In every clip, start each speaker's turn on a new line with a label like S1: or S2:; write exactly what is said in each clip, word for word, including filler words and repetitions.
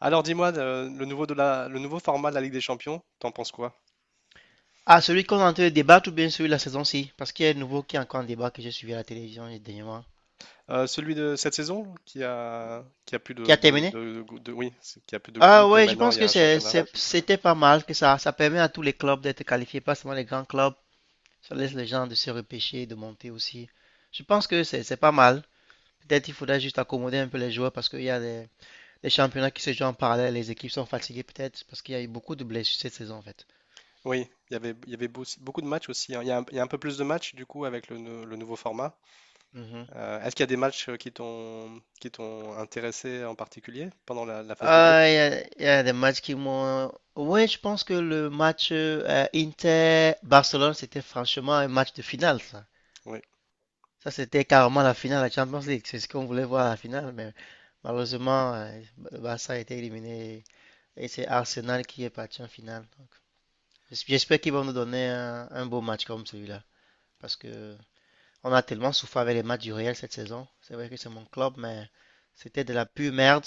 S1: Alors dis-moi, euh, le nouveau de la, le nouveau format de la Ligue des Champions, t'en penses quoi?
S2: Ah, celui qu'on est en train de débattre ou bien celui de la saison-ci? Parce qu'il y a un nouveau qui est encore en débat que j'ai suivi à la télévision dernièrement.
S1: Euh, celui de cette saison qui a, qui a plus
S2: Qui
S1: de,
S2: a
S1: de,
S2: terminé?
S1: de- de- de- oui, c'est- qui a plus de
S2: Ah
S1: groupes et
S2: ouais, je
S1: maintenant
S2: pense
S1: il y a
S2: que
S1: un
S2: c'est,
S1: championnat.
S2: c'est- c'était pas mal, que ça, ça permet à tous les clubs d'être qualifiés, pas seulement les grands clubs. Ça laisse les gens de se repêcher, de monter aussi. Je pense que c'est, c'est pas mal. Peut-être il faudrait juste accommoder un peu les joueurs parce qu'il y a des, des championnats qui se jouent en parallèle, les équipes sont fatiguées peut-être parce qu'il y a eu beaucoup de blessures cette saison en fait.
S1: Oui, il y avait, il y avait beau- beaucoup de matchs aussi, hein. Il y a un, il y a un peu plus de matchs du coup avec le, nou- le nouveau format.
S2: Mhm.
S1: Euh, est-ce qu'il y a des matchs euh, qui t'ont, qui t'ont intéressé en particulier pendant la, la phase de groupe?
S2: Ah, il y a, il y a des matchs qui m'ont. Oui, je pense que le match euh, Inter-Barcelone, c'était franchement un match de finale, ça.
S1: Oui.
S2: Ça, c'était carrément la finale de la Champions League. C'est ce qu'on voulait voir à la finale, mais malheureusement, euh, le Barça a été éliminé et c'est Arsenal qui est parti en finale. Donc, j'es- j'espère qu'ils vont nous donner un, un beau match comme celui-là, parce que on a tellement souffert avec les matchs du Real cette saison. C'est vrai que c'est mon club, mais c'était de la pure merde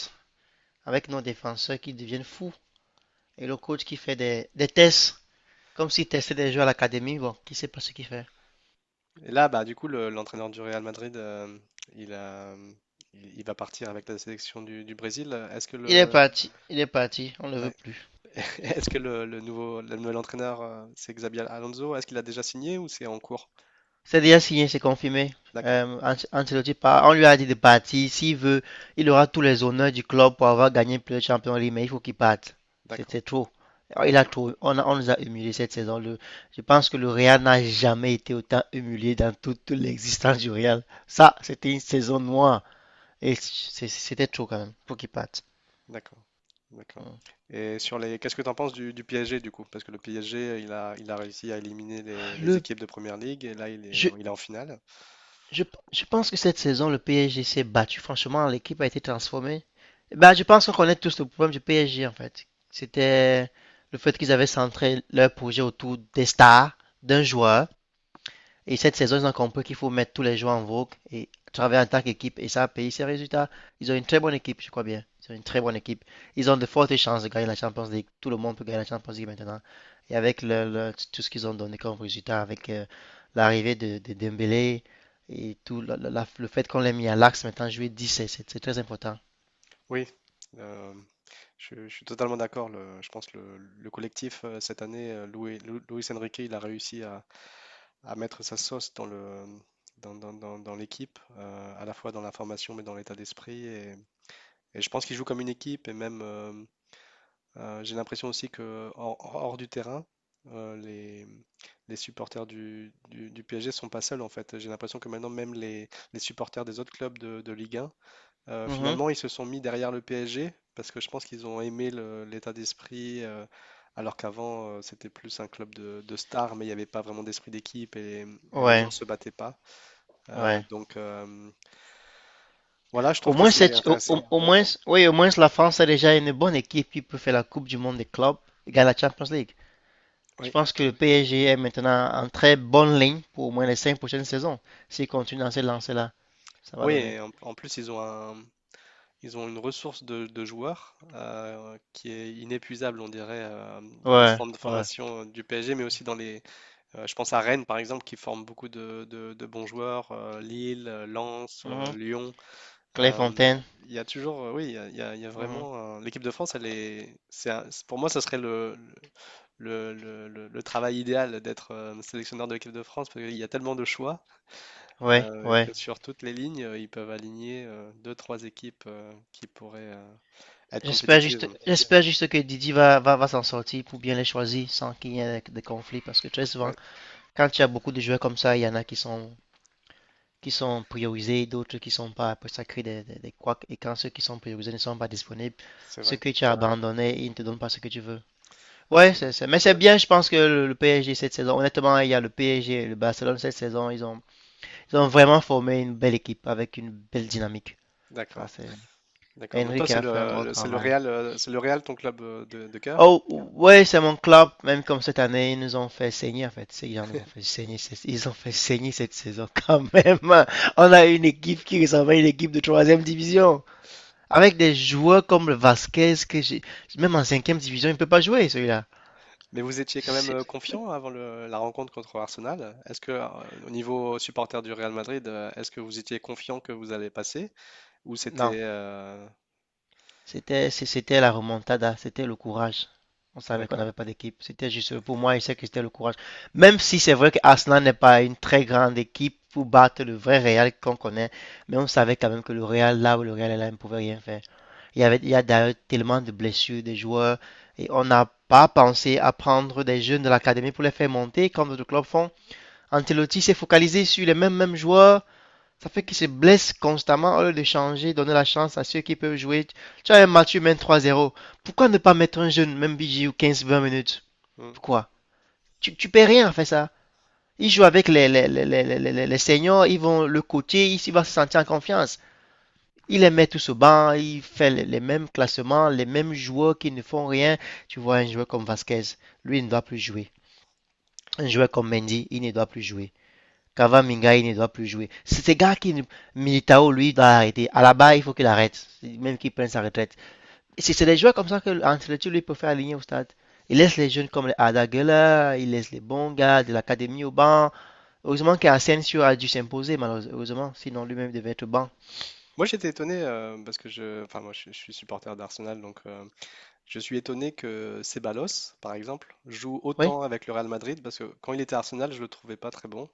S2: avec nos défenseurs qui deviennent fous. Et le coach qui fait des, des tests, comme s'il testait des joueurs à l'académie, bon, qui sait pas ce qu'il fait.
S1: Et là, bah du coup, le- l'entraîneur du Real Madrid, euh, il a, il, il va partir avec la sélection du, du Brésil. Est-ce que
S2: Il est
S1: le
S2: parti, il est parti, on ne le veut
S1: Ouais.
S2: plus.
S1: Est-ce que le, le nouveau, le nouvel entraîneur, euh, c'est Xabi Alonso? Est-ce qu'il a déjà signé ou c'est en cours?
S2: C'est déjà signé, c'est confirmé.
S1: D'accord,
S2: Euh, Ancelotti part, on lui a dit de partir. S'il veut, il aura tous les honneurs du club pour avoir gagné plus de Champions League, mais il faut qu'il parte.
S1: d'accord,
S2: C'était trop. Il a
S1: d'accord,
S2: trop. On, a- on nous a humiliés cette saison. Le- je pense que le Real n'a jamais été autant humilié dans toute l'existence du Real. Ça, c'était une saison noire. Et c'était trop quand même. Faut qu'il parte.
S1: d'accord, d'accord. Et sur les, qu'est-ce que tu en penses du, du P S G du coup? Parce que le P S G, il a, il a réussi à éliminer les, les
S2: Le,
S1: équipes de Première Ligue et là, il est,
S2: je,
S1: il est en finale.
S2: Je, je pense que cette saison, le P S G s'est battu. Franchement, l'équipe a été transformée. Bah, je pense qu'on connaît tous le problème du P S G, en fait. C'était le fait qu'ils avaient centré leur projet autour des stars, d'un joueur, et cette saison, ils ont compris qu'il faut mettre tous les joueurs en vogue et travailler en tant qu'équipe. Et ça a payé ses résultats. Ils ont une très bonne équipe, je crois bien. Ils ont une très bonne équipe. Ils ont de fortes chances de gagner la Champions League. Tout le monde peut gagner la Champions League maintenant. Et avec le, le- tout ce qu'ils ont donné comme résultat, avec euh, l'arrivée de, de Dembélé et tout, la- la- le fait qu'on l'ait mis à l'axe maintenant, jouer dix, c'est c'est- très important.
S1: Oui, euh, je, je suis totalement d'accord. le- Je pense que le, le collectif, euh, cette année, euh, Louis, Lou- Luis Enrique, il a réussi à, à mettre sa sauce dans le, dans, dans- dans- dans l'équipe, euh, à la fois dans la formation mais dans l'état d'esprit. Et, et je pense qu'il joue comme une équipe et même euh, euh, j'ai l'impression aussi que hors, hors du terrain, euh, les, les supporters du, du, du P S G sont pas seuls en fait. J'ai l'impression que maintenant même les, les supporters des autres clubs de, de Ligue un euh,
S2: Mhm.
S1: finalement, ils se sont mis derrière le P S G parce que je pense qu'ils ont aimé le- l'état d'esprit, euh, alors qu'avant, euh, c'était plus un club de, de stars, mais il n'y avait pas vraiment d'esprit d'équipe et, et les gens
S2: Ouais,
S1: se battaient pas. Euh,
S2: ouais.
S1: donc euh, voilà, je
S2: Au
S1: trouve que
S2: moins, La
S1: c'est
S2: c'est, au, au-
S1: intéressant.
S2: au moins, oui, au moins la France a déjà une bonne équipe qui peut faire la Coupe du Monde des clubs et gagner la Champions League. Je
S1: Oui,
S2: pense que le P S G est maintenant en très bonne ligne pour au moins les cinq prochaines saisons. S'il continue dans cette lancée-là, ça va
S1: oui,
S2: donner.
S1: et en, en plus, ils ont un- ils ont une ressource de, de joueurs euh, qui est inépuisable, on dirait, euh, dans les
S2: Ouais,
S1: centres de
S2: ouais.
S1: formation euh, du P S G, mais aussi dans les. euh, je pense à Rennes, par exemple, qui forme beaucoup de, de- de bons joueurs, euh, Lille, euh, Lens, euh,
S2: Mhm.
S1: Lyon. Euh,
S2: Clairefontaine.
S1: Il y a toujours, euh, oui, il y a, il y a- il y a
S2: Mhm.
S1: vraiment un- l'équipe de France, elle est, c'est un- c'est- pour moi, ça serait le, le, le- le- le travail idéal d'être euh, sélectionneur de l'équipe de France parce qu'il y a tellement de choix
S2: Ouais,
S1: euh,
S2: ouais.
S1: que sur toutes les lignes, euh, ils peuvent aligner euh, deux, trois équipes euh, qui pourraient euh, être
S2: J'espère
S1: compétitives.
S2: juste, j'espère juste que Didi va, va, va s'en sortir pour bien les choisir sans qu'il y ait de conflits. Parce que très souvent,
S1: Ouais,
S2: quand il y a beaucoup de joueurs comme ça, il y en a qui sont, qui sont priorisés, d'autres qui sont pas. Après, ça crée des, des, des couacs. Et quand ceux qui sont priorisés ne sont pas disponibles,
S1: c'est
S2: ceux
S1: vrai,
S2: que tu as abandonnés, ils ne te donnent pas ce que tu veux. Ouais,
S1: c'est
S2: c'est,
S1: vrai.
S2: c'est- mais c'est bien, je pense que le, le P S G cette saison, honnêtement, il y a le P S G et le Barcelone cette saison, ils ont, ils ont vraiment formé une belle équipe avec une belle dynamique. Ça,
S1: D'accord,
S2: c'est
S1: d'accord. Donc
S2: Henry
S1: toi,
S2: qui
S1: c'est
S2: a fait un
S1: le,
S2: bon
S1: le- c'est le
S2: travail.
S1: Real, euh, c'est le Real ton club euh, de, de cœur?
S2: Oh, ouais, c'est mon club, même comme cette année, ils nous ont fait saigner, en fait. Ces gens nous ont fait saigner, c'est- ils ont fait saigner cette saison quand même. On a une équipe qui ressemble à une équipe de troisième division. Avec des joueurs comme le Vasquez, que j'ai, même en cinquième division, il ne peut pas jouer, celui-là.
S1: Mais vous étiez quand même euh,
S2: C'est-
S1: confiant avant le- la rencontre contre Arsenal. Est-ce que, euh, au niveau supporter du Real Madrid, euh, est-ce que vous étiez confiant que vous allez passer? Ou
S2: Non.
S1: c'était... euh,
S2: C'était, c'était la remontada, c'était le courage. On savait qu'on
S1: d'accord.
S2: n'avait pas d'équipe. C'était juste, pour moi, il sais que c'était le courage. Même si c'est vrai que Arsenal n'est pas une très grande équipe pour battre le vrai Real qu'on connaît, mais on savait quand même que le Real, là où le Real est là, il ne pouvait rien faire. Il y avait, il y a d'ailleurs tellement de blessures des joueurs et on n'a pas pensé à prendre des jeunes de l'académie pour les faire monter comme d'autres clubs font. Ancelotti s'est focalisé sur les mêmes, mêmes joueurs. Ça fait qu'ils se blessent constamment au lieu de changer, donner la chance à ceux qui peuvent jouer. Tu as un match, tu mènes trois zéro. Pourquoi ne pas mettre un jeune, même B G ou quinze vingt minutes?
S1: Hmm.
S2: Pourquoi? Tu, tu peux rien faire ça. Il joue avec les, les, les, les, les- les seniors, ils vont le coacher, il va se sentir en confiance. Il les met tous au banc, il fait les, les mêmes classements, les mêmes joueurs qui ne font rien. Tu vois un joueur comme Vasquez, lui il ne doit plus jouer. Un joueur comme Mendy, il ne doit plus jouer. Mingai ne doit plus jouer. C'est ce gars qui, Militao, lui, doit arrêter. À la barre, il faut qu'il arrête, même qu'il prenne sa retraite. C'est des joueurs comme ça que Ancelotti, lui, peut faire aligner au stade. Il laisse les jeunes comme les Adagela, il laisse les bons gars de l'académie au banc. Heureusement qu'Asensio a dû s'imposer, malheureusement, sinon lui-même devait être banc.
S1: Moi, j'étais étonné euh, parce que je... Enfin, moi, je, je suis supporter d'Arsenal, donc euh, je suis étonné que Ceballos, par exemple, joue
S2: Oui,
S1: autant avec le Real Madrid parce que quand il était à Arsenal, je le trouvais pas très bon.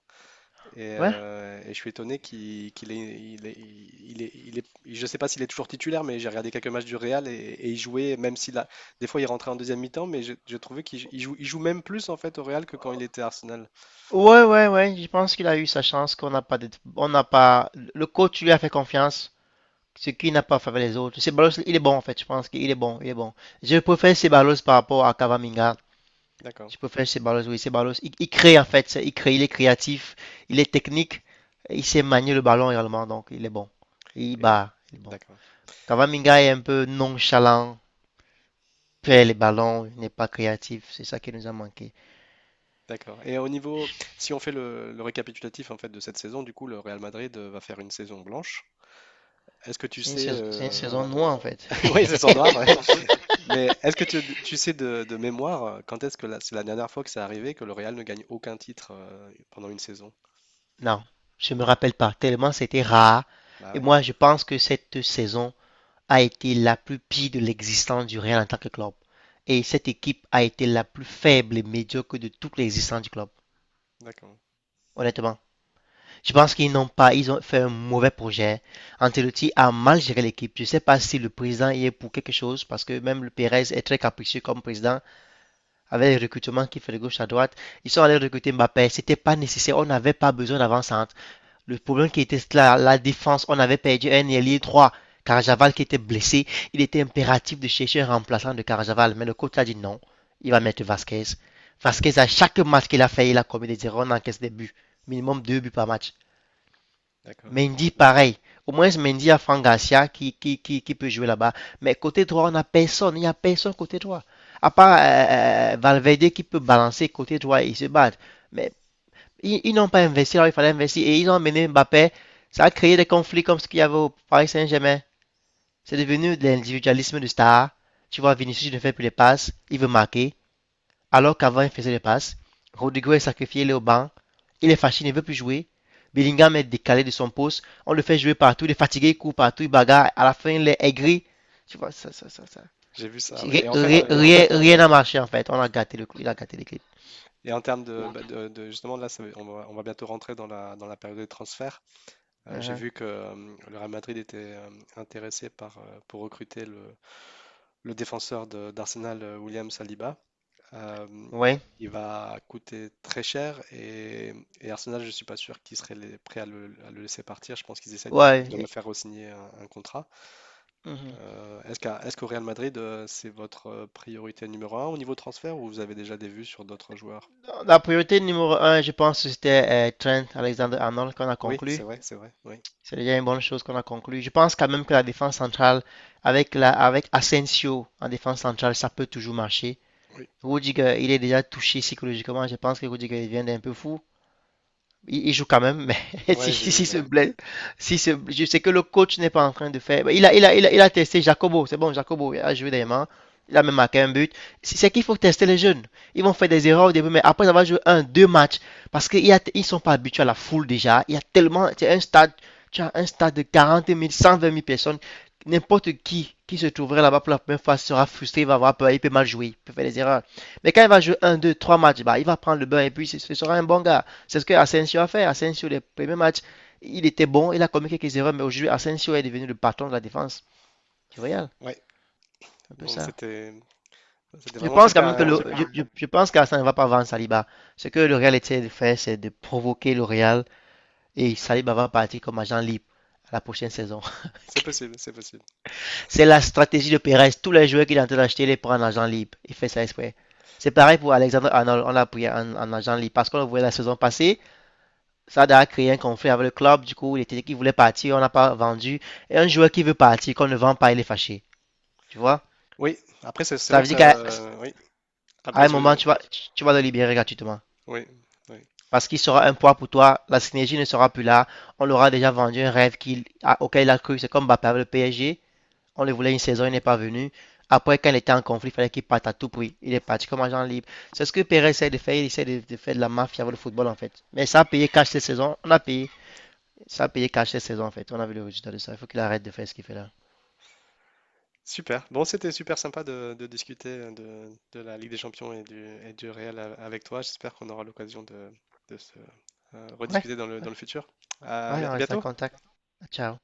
S1: Et,
S2: ouais.
S1: euh, et je suis étonné qu'il qu'il est, il est, il est, il est- je sais pas s'il est toujours titulaire, mais j'ai regardé quelques matchs du Real et, et il jouait, même s'il a, des fois il rentrait en deuxième mi-temps, mais je- j'ai trouvé qu'il il joue, il joue même plus en fait au Real que quand il était à Arsenal.
S2: Ouais, ouais, ouais, je pense qu'il a eu sa chance, qu'on n'a pas, de- on n'a pas, le coach lui a fait confiance, ce qui n'a pas fait les autres. Ceballos, il est bon en fait. Je pense qu'il est bon. Il est bon. Je préfère Ceballos par rapport à Cavaminga. Je
S1: D'accord.
S2: préfère Ceballos. Oui, Ceballos. Il, il crée en fait. Il crée. Il est créatif. Il est technique. Il sait manier le ballon également. Donc, il est bon. Il
S1: Et
S2: bat. Il est bon.
S1: d'accord,
S2: Cavaminga est un peu nonchalant. Perd les ballons. Il n'est pas créatif. C'est ça qui nous a manqué.
S1: d'accord. Et au niveau, si on fait le, le récapitulatif en fait de cette saison, du coup le Real Madrid euh, va faire une saison blanche. Est-ce que tu
S2: C'est une
S1: sais,
S2: saison, c'est une
S1: euh,
S2: saison noire en fait.
S1: oui, saison noir mais est-ce que tu, tu sais de, de mémoire euh, quand est-ce que la- c'est la dernière fois que c'est arrivé que le Real ne gagne aucun titre euh, pendant une saison?
S2: Non, je me
S1: Non?
S2: rappelle pas, tellement c'était rare.
S1: Bah
S2: Et
S1: ouais,
S2: moi, je pense que cette saison, a été la plus pire de l'existence du Real en tant que club. Et cette équipe a été la plus faible et médiocre de toute l'existence du club.
S1: d'accord,
S2: Honnêtement, je pense qu'ils n'ont pas, ils ont fait un mauvais projet. Ancelotti a mal géré l'équipe. Je ne sais pas si le président y est pour quelque chose, parce que même le Pérez est très capricieux comme président, avec les recrutements qu'il fait de gauche à droite. Ils sont allés recruter Mbappé, c'était pas nécessaire, on n'avait pas besoin d'avant-centre. Le problème qui était la, la défense, on avait perdu un ailier droit Carajaval qui était blessé. Il était impératif de chercher un remplaçant de Carajaval, mais le coach a dit non, il va mettre Vasquez. Vasquez, à chaque match qu'il a fait, il a commis des erreurs, on encaisse des buts. Minimum deux buts par match.
S1: d'accord.
S2: Mendy, pareil. Au moins, Mendy a Franck Garcia qui, qui, qui, qui peut jouer là-bas. Mais côté droit, on n'a personne. Il n'y a personne côté droit. À part euh, euh, Valverde qui peut balancer côté droit et se battre. Mais ils, ils n'ont pas investi, alors il fallait investir. Et ils ont amené Mbappé. Ça a créé des conflits comme ce qu'il y avait au Paris Saint-Germain. C'est devenu de l'individualisme de star. Tu vois, Vinicius ne fait plus les passes. Il veut marquer. Alors qu'avant, il faisait les passes. Rodrigo est sacrifié, il est au banc. Il est fâché, il ne veut plus jouer. Bellingham est décalé de son poste. On le fait jouer partout. Il est fatigué, il court partout, il bagarre. À la fin, il est aigri. Tu vois, ça, ça, ça, ça.
S1: J'ai vu ça, ouais. Et en fait,
S2: Rien
S1: euh,
S2: rien- n'a marché en fait. On a gâté le clip. Il a gâté l'équipe.
S1: et en termes de, bah, de- de- justement là, ça va- on va, on va bientôt rentrer dans la, dans la période de transfert. Euh, j'ai
S2: Uh-huh.
S1: vu que euh, le Real Madrid était euh, intéressé par, euh, pour recruter le, le défenseur de- d'Arsenal, euh, William Saliba. Euh,
S2: Ouais.
S1: il va coûter très cher et, et Arsenal, je ne suis pas sûr qu'ils seraient les- prêts à le, à le laisser partir. Je pense qu'ils essaient de, le de le
S2: Ouais.
S1: faire re-signer un, un contrat.
S2: Mhm.
S1: Euh, est-ce qu'à- est-ce qu'au Real Madrid, euh, c'est votre euh, priorité numéro un au niveau transfert ou vous avez déjà des vues sur d'autres joueurs?
S2: La priorité numéro un, je pense que c'était euh, Trent Alexander-Arnold qu'on a
S1: Oui, c'est
S2: conclu.
S1: vrai, c'est vrai. Oui,
S2: C'est déjà une bonne chose qu'on a conclu. Je pense quand même que la défense centrale, avec, la, avec Asensio en défense centrale, ça peut toujours marcher.
S1: oui.
S2: Rudiger, il est déjà touché psychologiquement. Je pense que Rudiger il vient d'un peu fou. Il, il joue quand même, mais si,
S1: Ouais, j'ai vu
S2: si
S1: là.
S2: se blesse, si se, je sais que le coach n'est pas en train de faire. Il a, il a, il a, il a testé Jacobo, c'est bon, Jacobo il a joué des
S1: Mm.
S2: mains, il a même marqué un but. Si, c'est qu'il faut tester les jeunes. Ils vont faire des erreurs au début, mais après avoir joué un, deux matchs, parce qu'ils ne sont pas habitués à la foule déjà. Il y a tellement, c'est un stade, tu as un stade de quarante mille cent vingt mille personnes. N'importe qui qui se trouverait là-bas pour la première fois sera frustré, il va avoir peur, il peut mal jouer, il peut faire des erreurs. Mais quand il va jouer un, deux, trois matchs, bah, il va prendre le bain et puis ce sera un bon gars. C'est ce que Asensio a fait. Asensio, les premiers matchs, il était bon, il a commis quelques erreurs, mais aujourd'hui, Asensio est devenu le patron de la défense du Real.
S1: Ouais,
S2: Un peu
S1: donc
S2: ça.
S1: c'était c'était
S2: Je
S1: vraiment
S2: pense quand
S1: super.
S2: même que le,
S1: euh,
S2: je, je, je pense qu'Arsène ne va pas vendre Saliba. Ce que le Real essaie de faire, c'est de provoquer le Real et Saliba va partir comme agent libre à la prochaine saison.
S1: C'est possible, c'est possible.
S2: C'est la stratégie de Perez. Tous les joueurs qu'il est en train d'acheter, il les prend en agent libre. Il fait ça exprès. C'est pareil pour Alexandre Arnold. On l'a pris en, en agent libre parce qu'on le voyait la saison passée. Ça a créé un conflit avec le club. Du coup, il était qu'il voulait partir, on n'a pas vendu. Et un joueur qui veut partir, qu'on ne vend pas, il est fâché. Tu vois?
S1: Oui, après c'est c'est
S2: Ça
S1: vrai
S2: veut
S1: que
S2: dire
S1: ça.
S2: qu'à
S1: Oui,
S2: à
S1: après
S2: un moment,
S1: je-
S2: tu vas, tu vas le libérer gratuitement.
S1: oui, oui.
S2: Parce qu'il sera un poids pour toi, la synergie ne sera plus là. On l'aura déjà vendu un rêve qu'il, a- auquel il a cru. C'est comme Mbappé avec le P S G. On le voulait une saison, il n'est pas venu. Après, quand il était en conflit, il fallait qu'il parte à tout prix. Il est parti comme agent libre. C'est ce que Pérez essaie de faire. Il essaie de, de faire de la mafia avec le football, en fait. Mais ça a payé cash cette saison. On a payé. Ça a payé cash cette saison en fait. On a vu le résultat de ça. Il faut qu'il arrête de faire ce qu'il fait là.
S1: Super. Bon, c'était super sympa de, de discuter de, de la Ligue des Champions et du, et du Real a- avec toi. J'espère qu'on aura l'occasion de, de se euh,
S2: Ouais,
S1: rediscuter dans le, dans
S2: ouais.
S1: le futur. À
S2: Ouais, on
S1: à
S2: reste en
S1: bientôt.
S2: contact. Ciao.